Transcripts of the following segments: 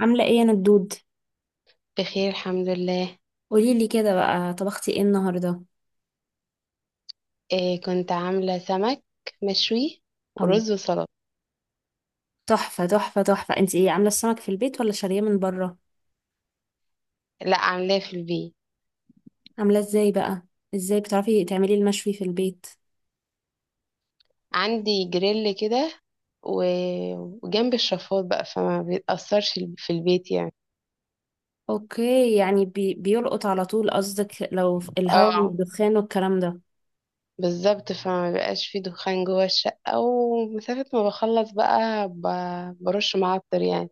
عاملة ايه يا ندود؟ بخير، الحمد لله. قوليلي كده بقى، طبختي ايه النهاردة؟ إيه، كنت عاملة سمك مشوي الله، ورز وسلطة. تحفة تحفة تحفة. انت ايه، عاملة السمك في البيت ولا شارية من بره؟ لا، عاملاه في البيت. عاملة ازاي بقى؟ ازاي بتعرفي تعملي المشوي في البيت؟ عندي جريل كده و- وجنب الشفاط بقى، فما بيتأثرش في البيت يعني. اوكي، يعني بيلقط على طول، قصدك لو في الهواء اه، والدخان والكلام ده. بالظبط، فما بيبقاش فيه دخان جوه الشقة، ومسافة ما بخلص بقى برش معطر يعني.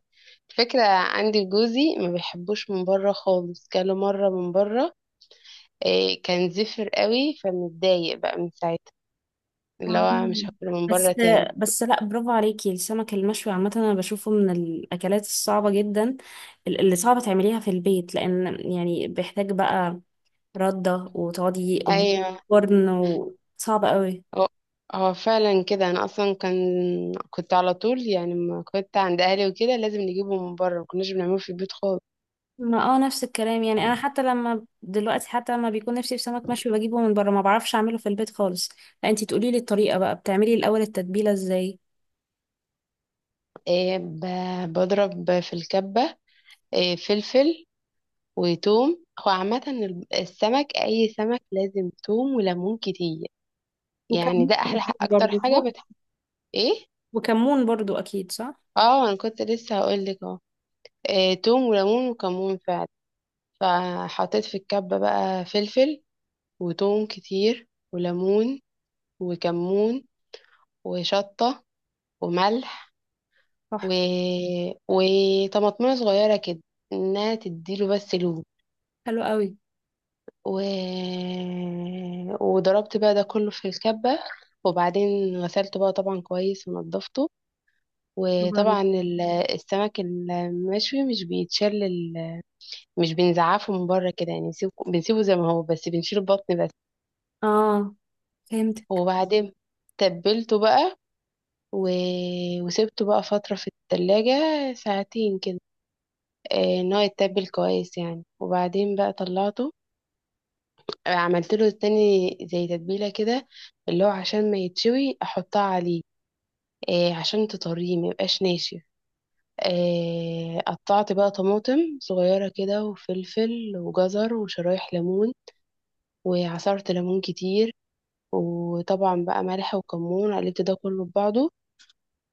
الفكرة عندي جوزي ما بيحبوش من بره خالص، كله مرة من بره. إيه، كان زفر قوي، فمتضايق بقى من ساعتها، اللي هو مش مم. هاكل من بس بره تاني. بس لا، برافو عليكي. السمك المشوي عامة انا بشوفه من الاكلات الصعبة جدا، اللي صعبة تعمليها في البيت، لان يعني بيحتاج بقى ردة، وتقعدي قدام ايوه، الفرن، وصعب قوي. هو هو فعلا كده. انا اصلا كنت على طول يعني لما كنت عند اهلي وكده لازم نجيبه من بره، ما كناش بنعمله في البيت خالص. ما نفس الكلام، يعني انا حتى لما دلوقتي، حتى لما بيكون نفسي في سمك مشوي، بجيبه من بره، ما بعرفش اعمله في البيت خالص. فانتي تقولي لي الطريقة بقى، بتعملي الاول التتبيلة ازاي؟ إيه، بضرب في الكبه، إيه، فلفل وثوم. هو عامه السمك، اي سمك لازم ثوم وليمون كتير، يعني وكمون ده احلى، اكيد اكتر برضو صح؟ حاجه بتحب. ايه، وكمون برضو اكيد صح اه، انا كنت لسه هقول لك اهو. إيه، ثوم وليمون وكمون فعلا. فحطيت في الكبه بقى فلفل وتوم كتير وليمون وكمون وشطة وملح، صح. و... وطماطمية صغيرة كده، انها تديله بس لون. حلو قوي. و... وضربت بقى ده كله في الكبة. وبعدين غسلته بقى طبعا كويس ونضفته. برافو وطبعا عليكي. السمك المشوي مش بيتشل مش بنزعفه من بره كده يعني، بنسيبه زي ما هو، بس بنشيل البطن بس. اه، فهمت. وبعدين تبلته بقى، و... وسبته بقى فترة في التلاجة، ساعتين كده، ان هو يتبل كويس يعني. وبعدين بقى طلعته، عملت له تاني زي تتبيلة كده، اللي هو عشان ما يتشوي احطها عليه، عشان تطريه ما يبقاش ناشف. قطعت بقى طماطم صغيرة كده وفلفل وجزر وشرايح ليمون، وعصرت ليمون كتير، وطبعا بقى ملح وكمون، قلبت ده كله في بعضه.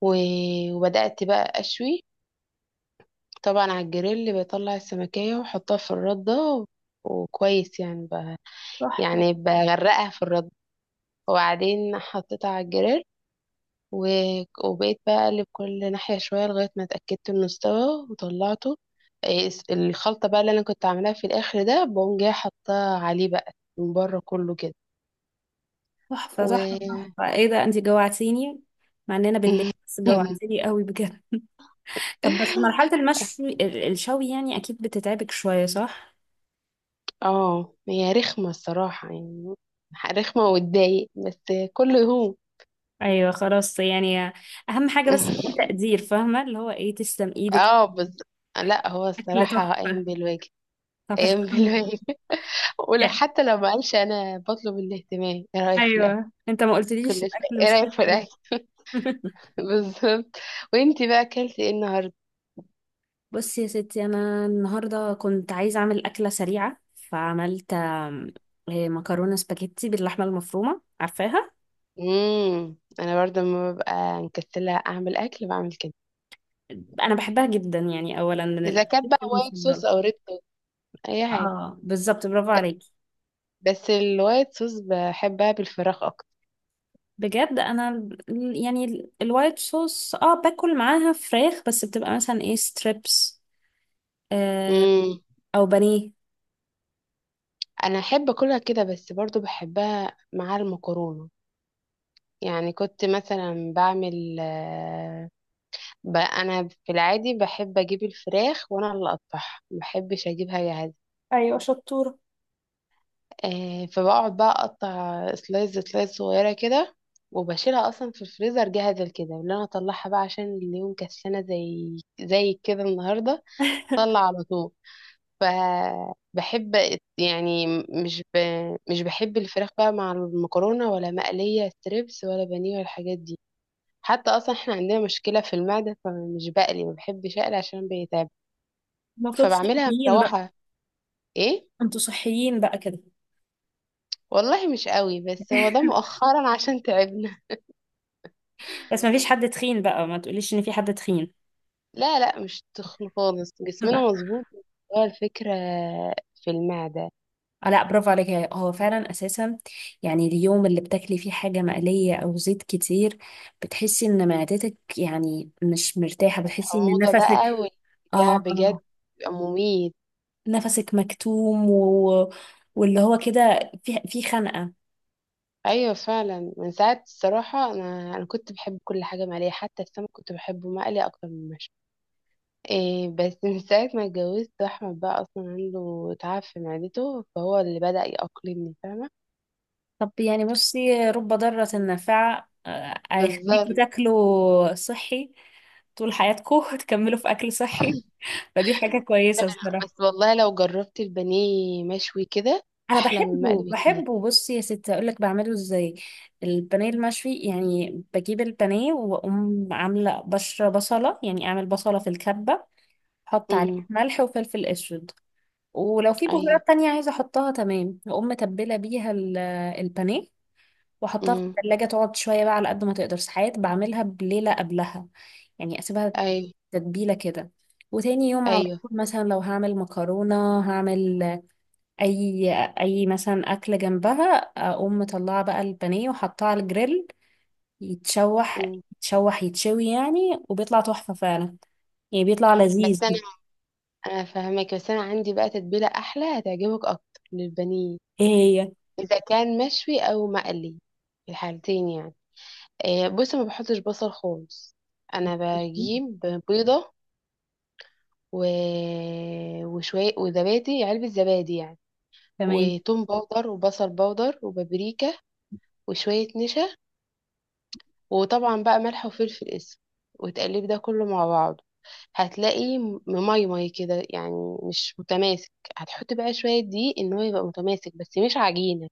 و- وبدأت بقى أشوي. طبعا على الجريل بطلع السمكية واحطها في الردة، وكويس يعني تحفة يعني بغرقها في الردة. وبعدين حطيتها على الجريل، و... وبقيت بقى اقلب كل ناحية شوية لغاية ما اتأكدت انه استوى وطلعته. إيه، الخلطة بقى اللي انا كنت عاملاها في الاخر ده بقوم جاية حطها عليه بقى من بره كله كده. تحفة و تحفة تحفة ايه ده، انتي جوعتيني، مع اننا بالليل بس، جوعتيني قوي بجد. طب بس مرحلة المشوي، الشوي يعني، اكيد بتتعبك شوية صح؟ اه، هي رخمة الصراحة يعني، رخمة وتضايق، بس كله يهون. ايوه خلاص يعني، اهم حاجه بس في تقدير، فاهمه اللي هو ايه، تسلم ايدك. اه بس، لا هو اكل الصراحة قايم تحفه. بالواجب. طب قايم الحمد بالواجب، ولو لله. حتى لو ما قالش انا بطلب الاهتمام: ايه رأيك في الاكل؟ ايوه، انت ما كل قلتليش الاكل شوية ايه مش حلو رأيك في ليه. الاكل؟ بالظبط. وانتي بقى اكلتي ايه النهارده؟ بصي يا ستي، انا النهارده كنت عايزه اعمل اكله سريعه، فعملت مكرونه سباجيتي باللحمه المفرومه، عارفاها؟ انا برضه لما ببقى مكسلة اعمل اكل، بعمل كده. انا بحبها جدا، يعني اولا من اذا كانت الاكلات بقى وايت المفضله. صوص او ريد صوص، اي حاجة. اه بالظبط، برافو عليك. بس الوايت صوص بحبها بالفراخ اكتر. بجد انا الوايت صوص، اه، باكل معاها فراخ، بس بتبقى مثلا ايه، ستريبس، آه، امم او بانيه. انا احب اكلها كده، بس برضه بحبها مع المكرونة. يعني كنت مثلا بعمل، انا في العادي بحب اجيب الفراخ، وانا اللي اقطعها، ما بحبش اجيبها جاهزه. ايوه شطورة. فبقعد بقى اقطع سلايز سلايز صغيره كده، وبشيلها اصلا في الفريزر جاهزه كده، اللي انا اطلعها بقى عشان اليوم كسلانه زي كده النهارده، طلع على طول. فبحب يعني مش بحب الفراخ بقى مع المكرونه ولا مقليه ستريبس ولا بانيه ولا الحاجات دي. حتى اصلا احنا عندنا مشكله في المعده، فمش بقلي، ما بحبش اقلي عشان بيتعب. المفروض فبعملها صحيين بقى؟ مروحه. ايه انتوا صحيين بقى كده؟ والله، مش قوي، بس هو ده مؤخرا عشان تعبنا. بس ما فيش حد تخين بقى، ما تقوليش ان في حد تخين. لا، لا، مش تخن خالص، جسمنا مظبوط. هو الفكره في المعده. آه لا، برافو عليك، هو فعلا اساسا، يعني اليوم اللي بتاكلي فيه حاجه مقليه او زيت كتير، بتحسي ان معدتك يعني مش مرتاحه، بتحسي ان الحموضه بقى نفسك، والجع اه، بجد بيبقى مميت. نفسك مكتوم، واللي هو كده، في خنقة. ايوه، فعلا من ساعه الصراحه، انا كنت بحب كل حاجه مقليه، حتى السمك كنت بحبه مقلي اكتر من مشوي. إيه بس، من ساعة ما اتجوزت أحمد، بقى أصلا عنده تعب في معدته، فهو اللي بدأ يأقلمني، فاهمة؟ طب يعني بصي، رب ضارة نافعة، آه، هيخليكوا بالظبط. تاكلوا صحي طول حياتكم. تكملوا في أكل صحي، فدي حاجة كويسة الصراحة. بس والله لو جربت البانيه مشوي كده، أنا أحلى من بحبه، المقلي بكتير. بحبه. بصي يا ستي، أقول لك بعمله إزاي. البانيه المشوي يعني بجيب البانيه، وأقوم عاملة بشرة بصلة، يعني أعمل بصلة في الكبة، أحط عليها امم، ملح وفلفل أسود، ولو في أيوه. بهارات تانية عايزة احطها تمام، هقوم متبلة بيها البانيه، واحطها في امم، التلاجة تقعد شوية بقى، على قد ما تقدر ساعات، بعملها بليلة قبلها، يعني اسيبها أيوه، تتبيلة كده. وتاني يوم على أيوه. طول، مثلا لو هعمل مكرونة، هعمل اي اي مثلا اكل جنبها، اقوم مطلعة بقى البانيه وحطها على الجريل، يتشوح امم. يتشوح يتشوي يعني، وبيطلع تحفة فعلا، يعني بيطلع لذيذ. بس أنا فاهمك، بس أنا عندي بقى تتبيلة أحلى هتعجبك أكتر للبانيه، ايه، إذا كان مشوي أو مقلي، في الحالتين يعني. إيه بص، ما بحطش بصل خالص. أنا هي بجيب بيضة، و... وشوية وزبادي، علبة زبادي يعني، تمام. وتوم باودر وبصل باودر وبابريكا، وشوية نشا، وطبعا بقى ملح وفلفل اسود، وتقلب ده كله مع بعضه. هتلاقي مميمي كده، يعني مش متماسك. هتحط بقى شوية دقيق ان هو يبقى متماسك بس مش عجينة،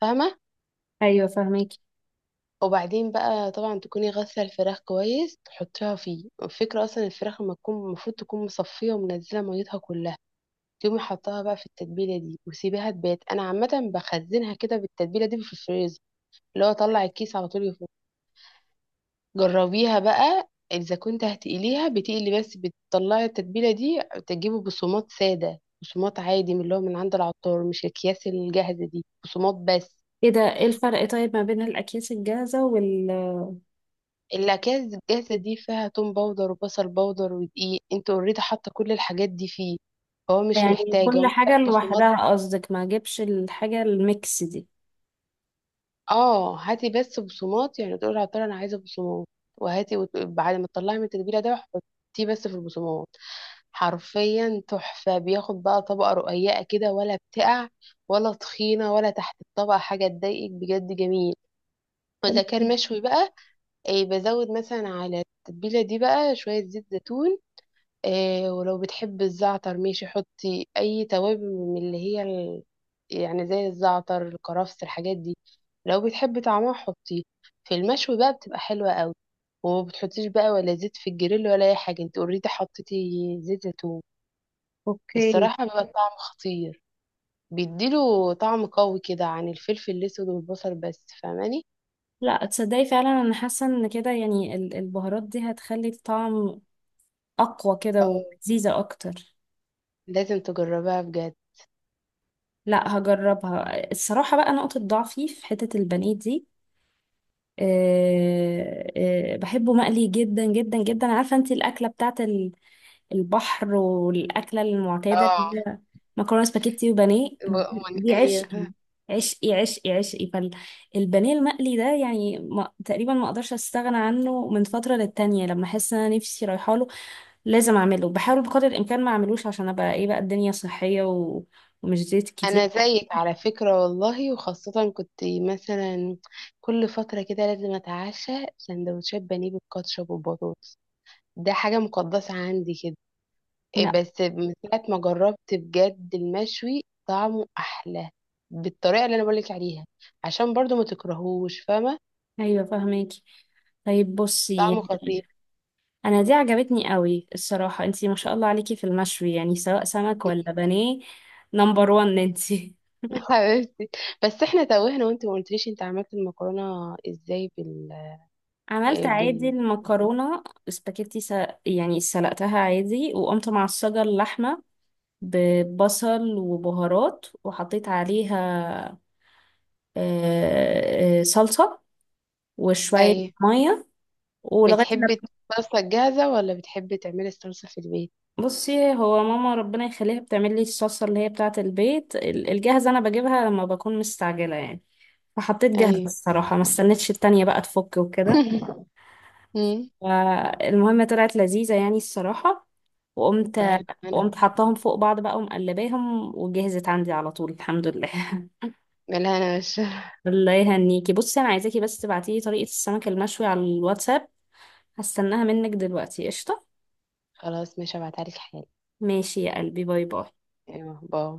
فاهمة؟ ايوه فاهمك. وبعدين بقى طبعا تكوني غاسلة الفراخ كويس، تحطيها فيه. الفكرة اصلا الفراخ لما تكون، المفروض تكون مصفية ومنزلة ميتها كلها. تقومي حطاها بقى في التتبيله دي وسيبيها تبات. انا عامه بخزنها كده بالتتبيله دي في الفريزر، اللي هو طلع الكيس على طول يفوت. جربيها بقى. اذا كنت هتقليها، بتقلي بس بتطلعي التتبيله دي، تجيبي بصومات ساده، بصومات عادي، من اللي هو من عند العطار، مش الاكياس الجاهزه دي، بصومات بس. ايه ده، ايه الفرق طيب ما بين الاكياس الجاهزة وال، الاكياس الجاهزه دي فيها توم باودر وبصل باودر ودقيق، انت اوريدي حاطه كل الحاجات دي فيه. هو مش يعني محتاج، هو كل حاجة محتاج بصمات. لوحدها قصدك، ما اجيبش الحاجة الميكس دي؟ اه، هاتي بس بصمات، يعني تقول للعطار انا عايزه بصمات. وهاتي، بعد ما تطلعي من التتبيله ده، حطيه بس في البصمات. حرفيا تحفه، بياخد بقى طبقه رقيقه كده، ولا بتقع ولا تخينه، ولا تحت الطبقه حاجه تضايقك، بجد جميل. واذا كان مشوي بقى، إيه بزود مثلا على التتبيله دي بقى شويه زيت زيتون. آه، ولو بتحب الزعتر ماشي، حطي اي توابل من اللي هي يعني زي الزعتر الكرفس الحاجات دي. لو بتحبي طعمها حطيه. في المشوي بقى بتبقى حلوة قوي. وما بتحطيش بقى ولا زيت في الجريل ولا اي حاجة، انت اوريدي حطيتي زيت زيتون. اوكي. الصراحة بيبقى الطعم خطير، بيديله طعم قوي كده عن الفلفل الاسود والبصل بس، فاهماني؟ لا تصدقي، فعلا انا حاسة ان كده يعني، البهارات دي هتخلي الطعم اقوى كده، اه، ولذيذة اكتر. لازم تجربها بجد. لا، هجربها الصراحة بقى، نقطة ضعفي في حتة البانيه دي. أه، أه، بحبه مقلي جدا جدا جدا. عارفة انت الاكلة بتاعت البحر، والأكلة المعتادة اه، اللي هي مكرونة سباكيتي وبانيه، دي عشقي ايوه. عشقي عشقي عشقي. فالبانيه المقلي ده يعني، ما تقريبا ما اقدرش استغنى عنه، من فترة للتانية لما احس ان انا نفسي رايحه له، لازم اعمله. بحاول بقدر الامكان ما اعملوش، عشان ابقى ايه بقى، الدنيا صحية، ومش زيت كتير. انا زيك على فكرة والله. وخاصة كنت مثلا كل فترة كده لازم اتعشى سندوتشات بانيه بالكاتشب والبطاطس، ده حاجة مقدسة عندي كده. إيه لا. بس، من ساعة ما جربت بجد المشوي طعمه احلى بالطريقة اللي انا بقولك عليها، عشان برضو ما تكرهوش، فاهمة؟ ايوه فاهماكي. طيب بصي، طعمه خطير. انا دي عجبتني قوي الصراحة، انتي ما شاء الله عليكي في المشوي، يعني سواء سمك ولا بانيه، نمبر وان انتي. حبيبتي. بس احنا توهنا وانت ما قلتليش انت عملت المكرونة ازاي عملت إيه عادي بال المكرونة سباكيتي يعني سلقتها عادي، وقمت معصجة اللحمة ببصل وبهارات، وحطيت عليها صلصة وشوية اي، مية، ولغاية ما، بتحبي الصلصة جاهزة ولا بتحبي تعملي الصلصة في البيت؟ بصي هو ماما ربنا يخليها بتعمل لي الصلصة اللي هي بتاعة البيت، الجاهزة أنا بجيبها لما بكون مستعجلة يعني، فحطيت جاهزة ايوه. الصراحة، ما استنيتش التانية بقى تفك وكده. مم. المهم طلعت لذيذة يعني الصراحة، وقمت مم. بعرف انا. وقمت حطاهم فوق بعض بقى، ومقلباهم، وجهزت عندي على طول الحمد لله. لا، انا مش الله يهنيكي. بصي انا عايزاكي بس، تبعتيلي طريقة السمك المشوي على الواتساب، هستناها منك دلوقتي قشطة. خلاص، مش هبعتها لك حالا. ماشي يا قلبي، باي باي. ايوه، باي.